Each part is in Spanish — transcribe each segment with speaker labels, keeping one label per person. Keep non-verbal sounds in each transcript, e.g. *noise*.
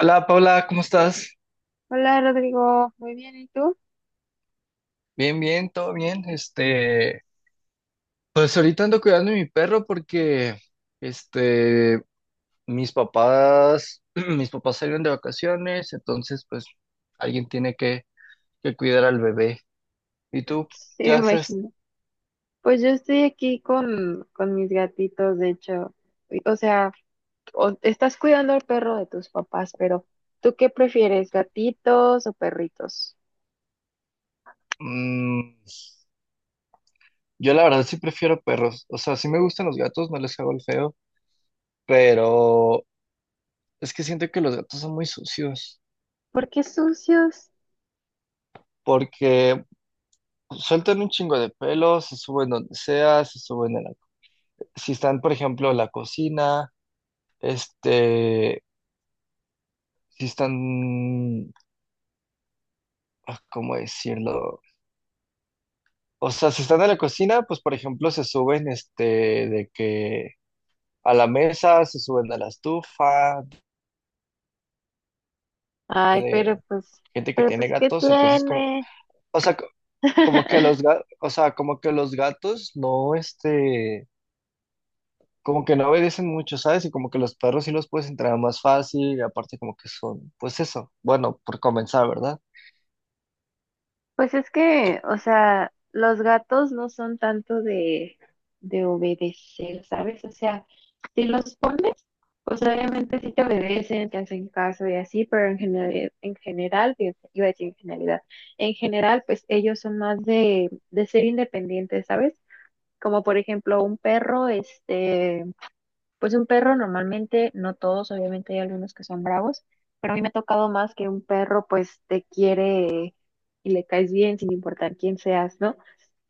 Speaker 1: Hola Paula, ¿cómo estás?
Speaker 2: Hola Rodrigo, muy bien, ¿y tú?
Speaker 1: Bien, bien, todo bien. Pues ahorita ando cuidando a mi perro porque este mis papás, *clears throat* mis papás salieron de vacaciones, entonces pues alguien tiene que cuidar al bebé. ¿Y tú
Speaker 2: Sí,
Speaker 1: qué
Speaker 2: me
Speaker 1: haces?
Speaker 2: imagino. Pues yo estoy aquí con mis gatitos, de hecho. Y- O sea, Estás cuidando al perro de tus papás, pero ¿tú qué prefieres, gatitos o perritos?
Speaker 1: Mm, yo la verdad sí prefiero perros. O sea, sí me gustan los gatos, no les hago el feo, pero es que siento que los gatos son muy sucios
Speaker 2: ¿Por qué sucios?
Speaker 1: porque sueltan un chingo de pelos, se suben donde sea, se suben en la si están, por ejemplo, la cocina, este, si están, ah, ¿cómo decirlo? O sea, si están en la cocina, pues, por ejemplo, se suben, de que a la mesa, se suben a la estufa,
Speaker 2: Ay,
Speaker 1: de gente que
Speaker 2: pero
Speaker 1: tiene
Speaker 2: pues, ¿qué
Speaker 1: gatos, entonces como,
Speaker 2: tiene?
Speaker 1: o sea, como que
Speaker 2: *laughs*
Speaker 1: los gatos, o sea, como que los gatos no, como que no obedecen mucho, ¿sabes? Y como que los perros sí los puedes entrenar más fácil, y aparte como que son, pues eso, bueno, por comenzar, ¿verdad?
Speaker 2: Pues es que, o sea, los gatos no son tanto de obedecer, ¿sabes? O sea, si los pones, pues obviamente sí te obedecen, te hacen caso y así, pero fíjate, iba a decir en generalidad, en general, pues ellos son más de ser independientes, ¿sabes? Como por ejemplo un perro, pues un perro normalmente, no todos, obviamente hay algunos que son bravos, pero a mí me ha tocado más que un perro pues te quiere y le caes bien sin importar quién seas, ¿no?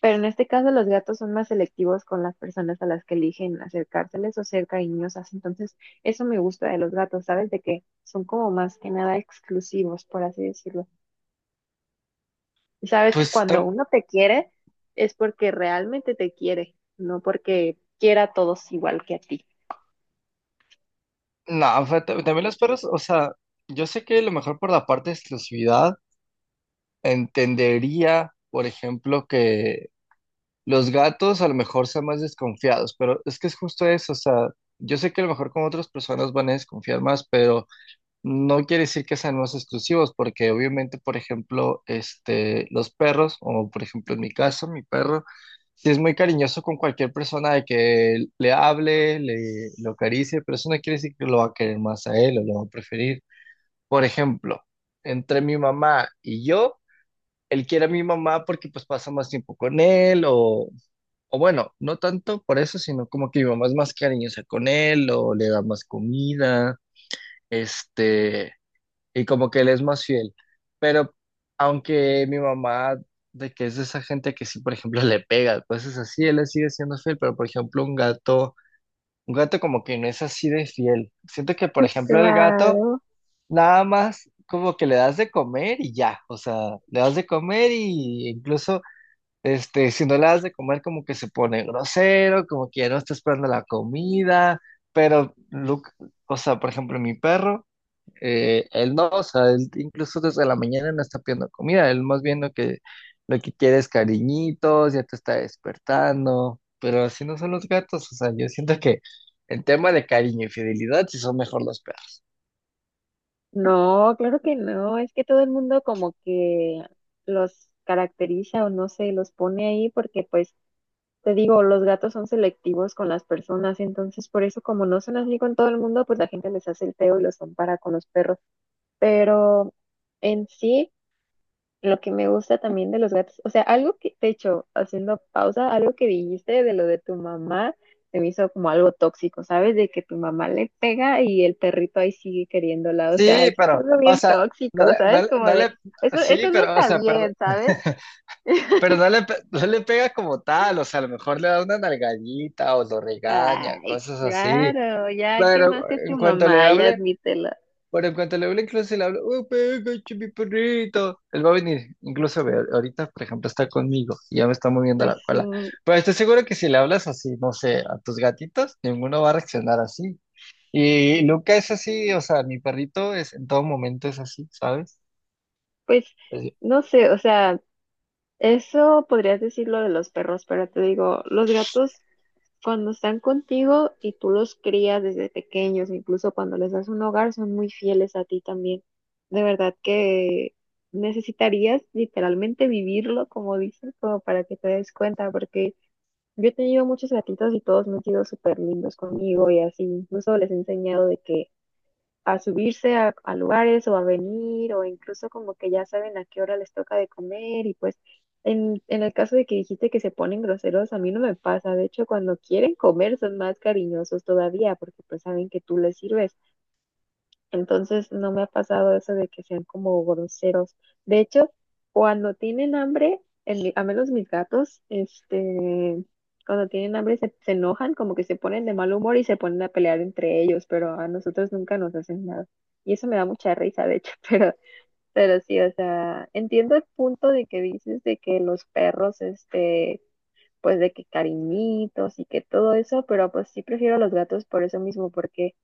Speaker 2: Pero en este caso los gatos son más selectivos con las personas a las que eligen acercárseles o ser cariñosas, entonces eso me gusta de los gatos, ¿sabes? De que son como más que nada exclusivos, por así decirlo. Y sabes que
Speaker 1: Pues
Speaker 2: cuando
Speaker 1: tam-
Speaker 2: uno te quiere es porque realmente te quiere, no porque quiera a todos igual que a ti.
Speaker 1: No, también los perros, o sea, yo sé que a lo mejor por la parte de exclusividad entendería, por ejemplo, que los gatos a lo mejor sean más desconfiados, pero es que es justo eso, o sea, yo sé que a lo mejor con otras personas van a desconfiar más, pero no quiere decir que sean más exclusivos, porque obviamente, por ejemplo, los perros, o por ejemplo en mi caso, mi perro, sí es muy cariñoso con cualquier persona de que le hable, le lo acaricie, pero eso no quiere decir que lo va a querer más a él o lo va a preferir. Por ejemplo, entre mi mamá y yo, él quiere a mi mamá porque pues pasa más tiempo con él o bueno, no tanto por eso, sino como que mi mamá es más cariñosa con él o le da más comida, este, y como que él es más fiel. Pero aunque mi mamá de que es de esa gente que sí, por ejemplo, *laughs* le pega, pues es así, él le sigue siendo fiel, pero por ejemplo, un gato como que no es así de fiel. Siento que, por
Speaker 2: Pues
Speaker 1: ejemplo, el gato
Speaker 2: claro.
Speaker 1: nada más como que le das de comer y ya, o sea, le das de comer y incluso, si no le das de comer como que se pone grosero, como que ya no está esperando la comida, pero, Luke, o sea, por ejemplo, mi perro, él no, o sea, él incluso desde la mañana no está pidiendo comida, él más bien lo que quiere es cariñitos, ya te está despertando, pero así no son los gatos, o sea, yo siento que en tema de cariño y fidelidad sí son mejor los perros.
Speaker 2: No, claro que no. Es que todo el mundo como que los caracteriza o no sé, los pone ahí porque pues te digo, los gatos son selectivos con las personas, entonces por eso como no son así con todo el mundo, pues la gente les hace el feo y los compara con los perros. Pero en sí... Lo que me gusta también de los gatos, o sea, algo que, de hecho, haciendo pausa, algo que dijiste de lo de tu mamá, se me hizo como algo tóxico, ¿sabes? De que tu mamá le pega y el perrito ahí sigue queriéndola, o sea,
Speaker 1: Sí,
Speaker 2: eso es
Speaker 1: pero,
Speaker 2: algo
Speaker 1: o
Speaker 2: bien
Speaker 1: sea,
Speaker 2: tóxico,
Speaker 1: no le, no,
Speaker 2: ¿sabes?
Speaker 1: le,
Speaker 2: Como
Speaker 1: no
Speaker 2: de,
Speaker 1: le- sí,
Speaker 2: eso no
Speaker 1: pero, o
Speaker 2: está
Speaker 1: sea, perdón,
Speaker 2: bien, ¿sabes?
Speaker 1: *laughs* pero no le pega como tal, o sea, a lo mejor le da una nalgadita o lo regaña,
Speaker 2: Ay,
Speaker 1: cosas así,
Speaker 2: claro, ya
Speaker 1: pero
Speaker 2: quemaste a
Speaker 1: en
Speaker 2: tu
Speaker 1: cuanto le
Speaker 2: mamá, ya
Speaker 1: hable,
Speaker 2: admítelo.
Speaker 1: pero en cuanto le hable, incluso si le hablo, oh, pégate, mi perrito, él va a venir, incluso ve, ahorita, por ejemplo, está conmigo y ya me está moviendo
Speaker 2: Pues
Speaker 1: la
Speaker 2: sí,
Speaker 1: cola, pero estoy seguro que si le hablas así, no sé, a tus gatitos, ninguno va a reaccionar así. Y Luca es así, o sea, mi perrito es en todo momento es así, ¿sabes?
Speaker 2: pues
Speaker 1: Así,
Speaker 2: no sé, o sea. Eso podrías decirlo de los perros, pero te digo, los gatos cuando están contigo y tú los crías desde pequeños, incluso cuando les das un hogar, son muy fieles a ti también. De verdad que necesitarías literalmente vivirlo, como dicen, como para que te des cuenta, porque yo he tenido muchos gatitos y todos me han sido súper lindos conmigo y así, incluso les he enseñado de que a subirse a lugares o a venir o incluso como que ya saben a qué hora les toca de comer y pues en el caso de que dijiste que se ponen groseros, a mí no me pasa, de hecho cuando quieren comer son más cariñosos todavía porque pues saben que tú les sirves. Entonces no me ha pasado eso de que sean como groseros. De hecho, cuando tienen hambre, a menos mis gatos, este, cuando tienen hambre se enojan, como que se ponen de mal humor y se ponen a pelear entre ellos, pero a nosotros nunca nos hacen nada. Y eso me da mucha risa, de hecho, *laughs* pero sí, o sea, entiendo el punto de que dices de que los perros, este, pues de que cariñitos y que todo eso, pero pues sí prefiero a los gatos por eso mismo, porque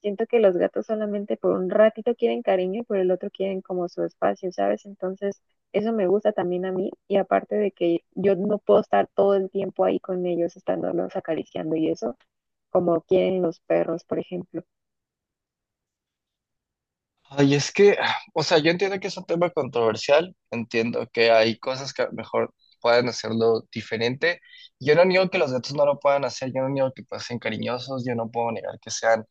Speaker 2: siento que los gatos solamente por un ratito quieren cariño y por el otro quieren como su espacio, ¿sabes? Entonces, eso me gusta también a mí y aparte de que yo no puedo estar todo el tiempo ahí con ellos, estándolos acariciando y eso, como quieren los perros, por ejemplo.
Speaker 1: ay, es que, *sighs* o sea, yo entiendo que es un tema controversial, entiendo que hay cosas que a lo mejor pueden hacerlo diferente. Yo no niego que los gatos no lo puedan hacer, yo no niego que pues, sean cariñosos, yo no puedo negar que sean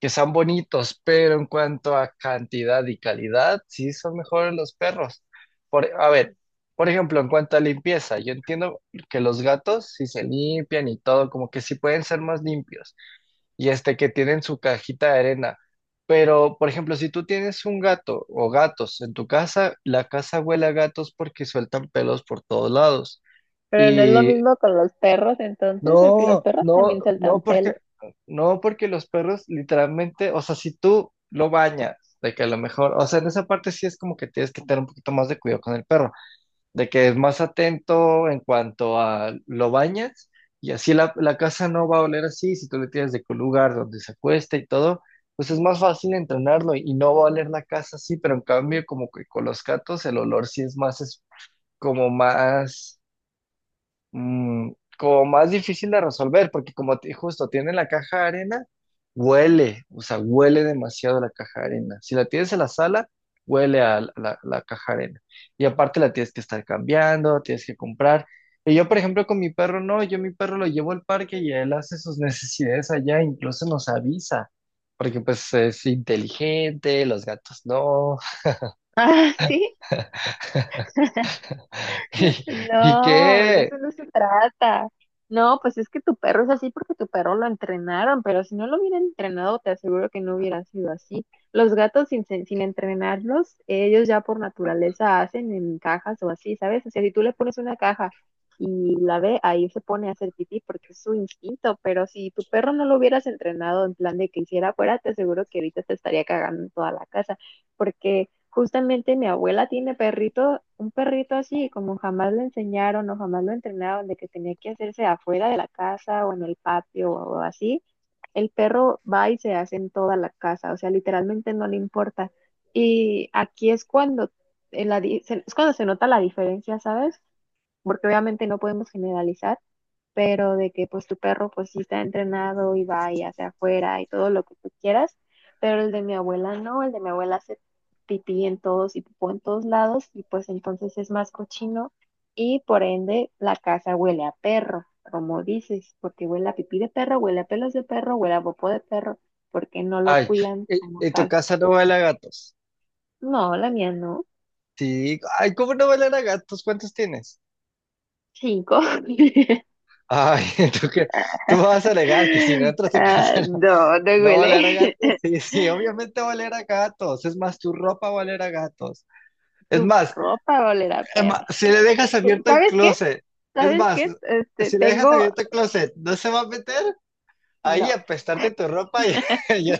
Speaker 1: que son bonitos, pero en cuanto a cantidad y calidad, sí son mejores los perros. Por, a ver, por ejemplo, en cuanto a limpieza, yo entiendo que los gatos sí se limpian y todo, como que sí pueden ser más limpios y este que tienen su cajita de arena. Pero, por ejemplo, si tú tienes un gato o gatos en tu casa, la casa huele a gatos porque sueltan pelos por todos lados.
Speaker 2: Pero no es lo
Speaker 1: Y
Speaker 2: mismo con los perros entonces, porque los
Speaker 1: no,
Speaker 2: perros
Speaker 1: no,
Speaker 2: también sueltan
Speaker 1: no
Speaker 2: pelo.
Speaker 1: porque,
Speaker 2: *laughs*
Speaker 1: no porque los perros literalmente, o sea, si tú lo bañas, de que a lo mejor, o sea, en esa parte sí es como que tienes que tener un poquito más de cuidado con el perro, de que es más atento en cuanto a lo bañas y así la casa no va a oler así, si tú le tienes de que un lugar donde se acuesta y todo, pues es más fácil entrenarlo y no va a oler la casa así, pero en cambio como que con los gatos el olor sí es como más mm, como más difícil de resolver, porque como justo tiene la caja de arena, huele, o sea, huele demasiado la caja de arena. Si la tienes en la sala, huele a la caja de arena. Y aparte la tienes que estar cambiando, tienes que comprar. Y yo, por ejemplo, con mi perro, no, yo mi perro lo llevo al parque y él hace sus necesidades allá, incluso nos avisa, porque pues es inteligente, los gatos no.
Speaker 2: Ah, sí.
Speaker 1: *laughs* ¿Y, y
Speaker 2: No, de
Speaker 1: qué?
Speaker 2: eso no se trata. No, pues es que tu perro es así porque tu perro lo entrenaron, pero si no lo hubieran entrenado, te aseguro que no hubiera sido así. Los gatos sin entrenarlos, ellos ya por naturaleza hacen en cajas o así, ¿sabes? O sea, si tú le pones una caja y la ve, ahí se pone a hacer pipí porque es su instinto, pero si tu perro no lo hubieras entrenado en plan de que hiciera fuera, te aseguro que ahorita te estaría cagando en toda la casa, porque justamente mi abuela tiene perrito, un perrito así, como jamás lo enseñaron o jamás lo entrenaron, de que tenía que hacerse afuera de la casa o en el patio o así, el perro va y se hace en toda la casa, o sea, literalmente no le importa. Y aquí es cuando, en la di- se- es cuando se nota la diferencia, ¿sabes? Porque obviamente no podemos generalizar, pero de que pues tu perro pues sí está entrenado y va y hacia afuera y todo lo que tú quieras, pero el de mi abuela no, el de mi abuela hace pipí en todos y pipó en todos lados y pues entonces es más cochino y por ende la casa huele a perro, como dices, porque huele a pipí de perro, huele a pelos de perro, huele a popó de perro, porque no lo
Speaker 1: Ay,
Speaker 2: cuidan como
Speaker 1: en tu
Speaker 2: tal.
Speaker 1: casa no huele a gatos.
Speaker 2: No, la mía no.
Speaker 1: Sí, ay, ¿cómo no bailar a gatos? ¿Cuántos tienes?
Speaker 2: Cinco. *laughs*
Speaker 1: Ay, *laughs* tú que tú vas a alegar que si no entras a tu
Speaker 2: Ah,
Speaker 1: casa *laughs* no,
Speaker 2: no, no
Speaker 1: no va a
Speaker 2: huele.
Speaker 1: oler a gatos.
Speaker 2: *laughs*
Speaker 1: Sí, sí, obviamente va a oler a gatos. Es más, tu ropa va a oler a gatos.
Speaker 2: Tu
Speaker 1: Es más,
Speaker 2: ropa olerá a
Speaker 1: es más,
Speaker 2: perro.
Speaker 1: si le dejas abierto el
Speaker 2: ¿Sabes qué?
Speaker 1: closet, es
Speaker 2: ¿Sabes
Speaker 1: más,
Speaker 2: qué? Este,
Speaker 1: si le dejas
Speaker 2: tengo,
Speaker 1: abierto el closet, ¿no se va a meter? Ahí a
Speaker 2: no,
Speaker 1: apestarte tu ropa y, *laughs* y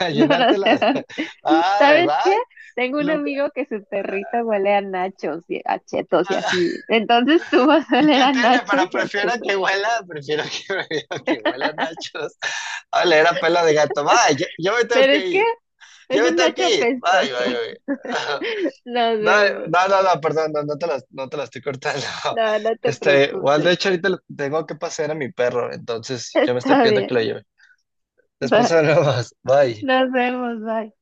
Speaker 1: a
Speaker 2: no, no, o
Speaker 1: llenártela.
Speaker 2: sea,
Speaker 1: *laughs*
Speaker 2: *laughs*
Speaker 1: Ah,
Speaker 2: ¿sabes qué?
Speaker 1: ¿verdad?
Speaker 2: Tengo un
Speaker 1: Lo que-
Speaker 2: amigo que su perrita huele a nachos y a chetos y
Speaker 1: *laughs*
Speaker 2: así. Entonces tú vas a
Speaker 1: ¿Y
Speaker 2: oler
Speaker 1: qué
Speaker 2: a
Speaker 1: tiene?
Speaker 2: nachos
Speaker 1: Para
Speaker 2: y a
Speaker 1: Prefiero
Speaker 2: chetos.
Speaker 1: que huela. *laughs* Prefiero que huela nachos. Hola, era pela de gato. Bye, yo me tengo
Speaker 2: Pero
Speaker 1: que
Speaker 2: es que
Speaker 1: ir.
Speaker 2: es
Speaker 1: Yo me
Speaker 2: un
Speaker 1: tengo
Speaker 2: nacho
Speaker 1: que ir. Bye,
Speaker 2: pestoso.
Speaker 1: bye, bye.
Speaker 2: *laughs*
Speaker 1: *laughs*
Speaker 2: Nos
Speaker 1: No,
Speaker 2: vemos.
Speaker 1: no, perdón, no te la estoy cortando.
Speaker 2: No, no
Speaker 1: *laughs*
Speaker 2: te
Speaker 1: Este, igual
Speaker 2: preocupes.
Speaker 1: de hecho ahorita tengo que pasear a mi perro,
Speaker 2: *laughs*
Speaker 1: entonces yo me estoy
Speaker 2: Está
Speaker 1: pidiendo
Speaker 2: bien.
Speaker 1: que lo lleve. Después
Speaker 2: Bye.
Speaker 1: hablamos. Bye.
Speaker 2: Nos vemos. Bye.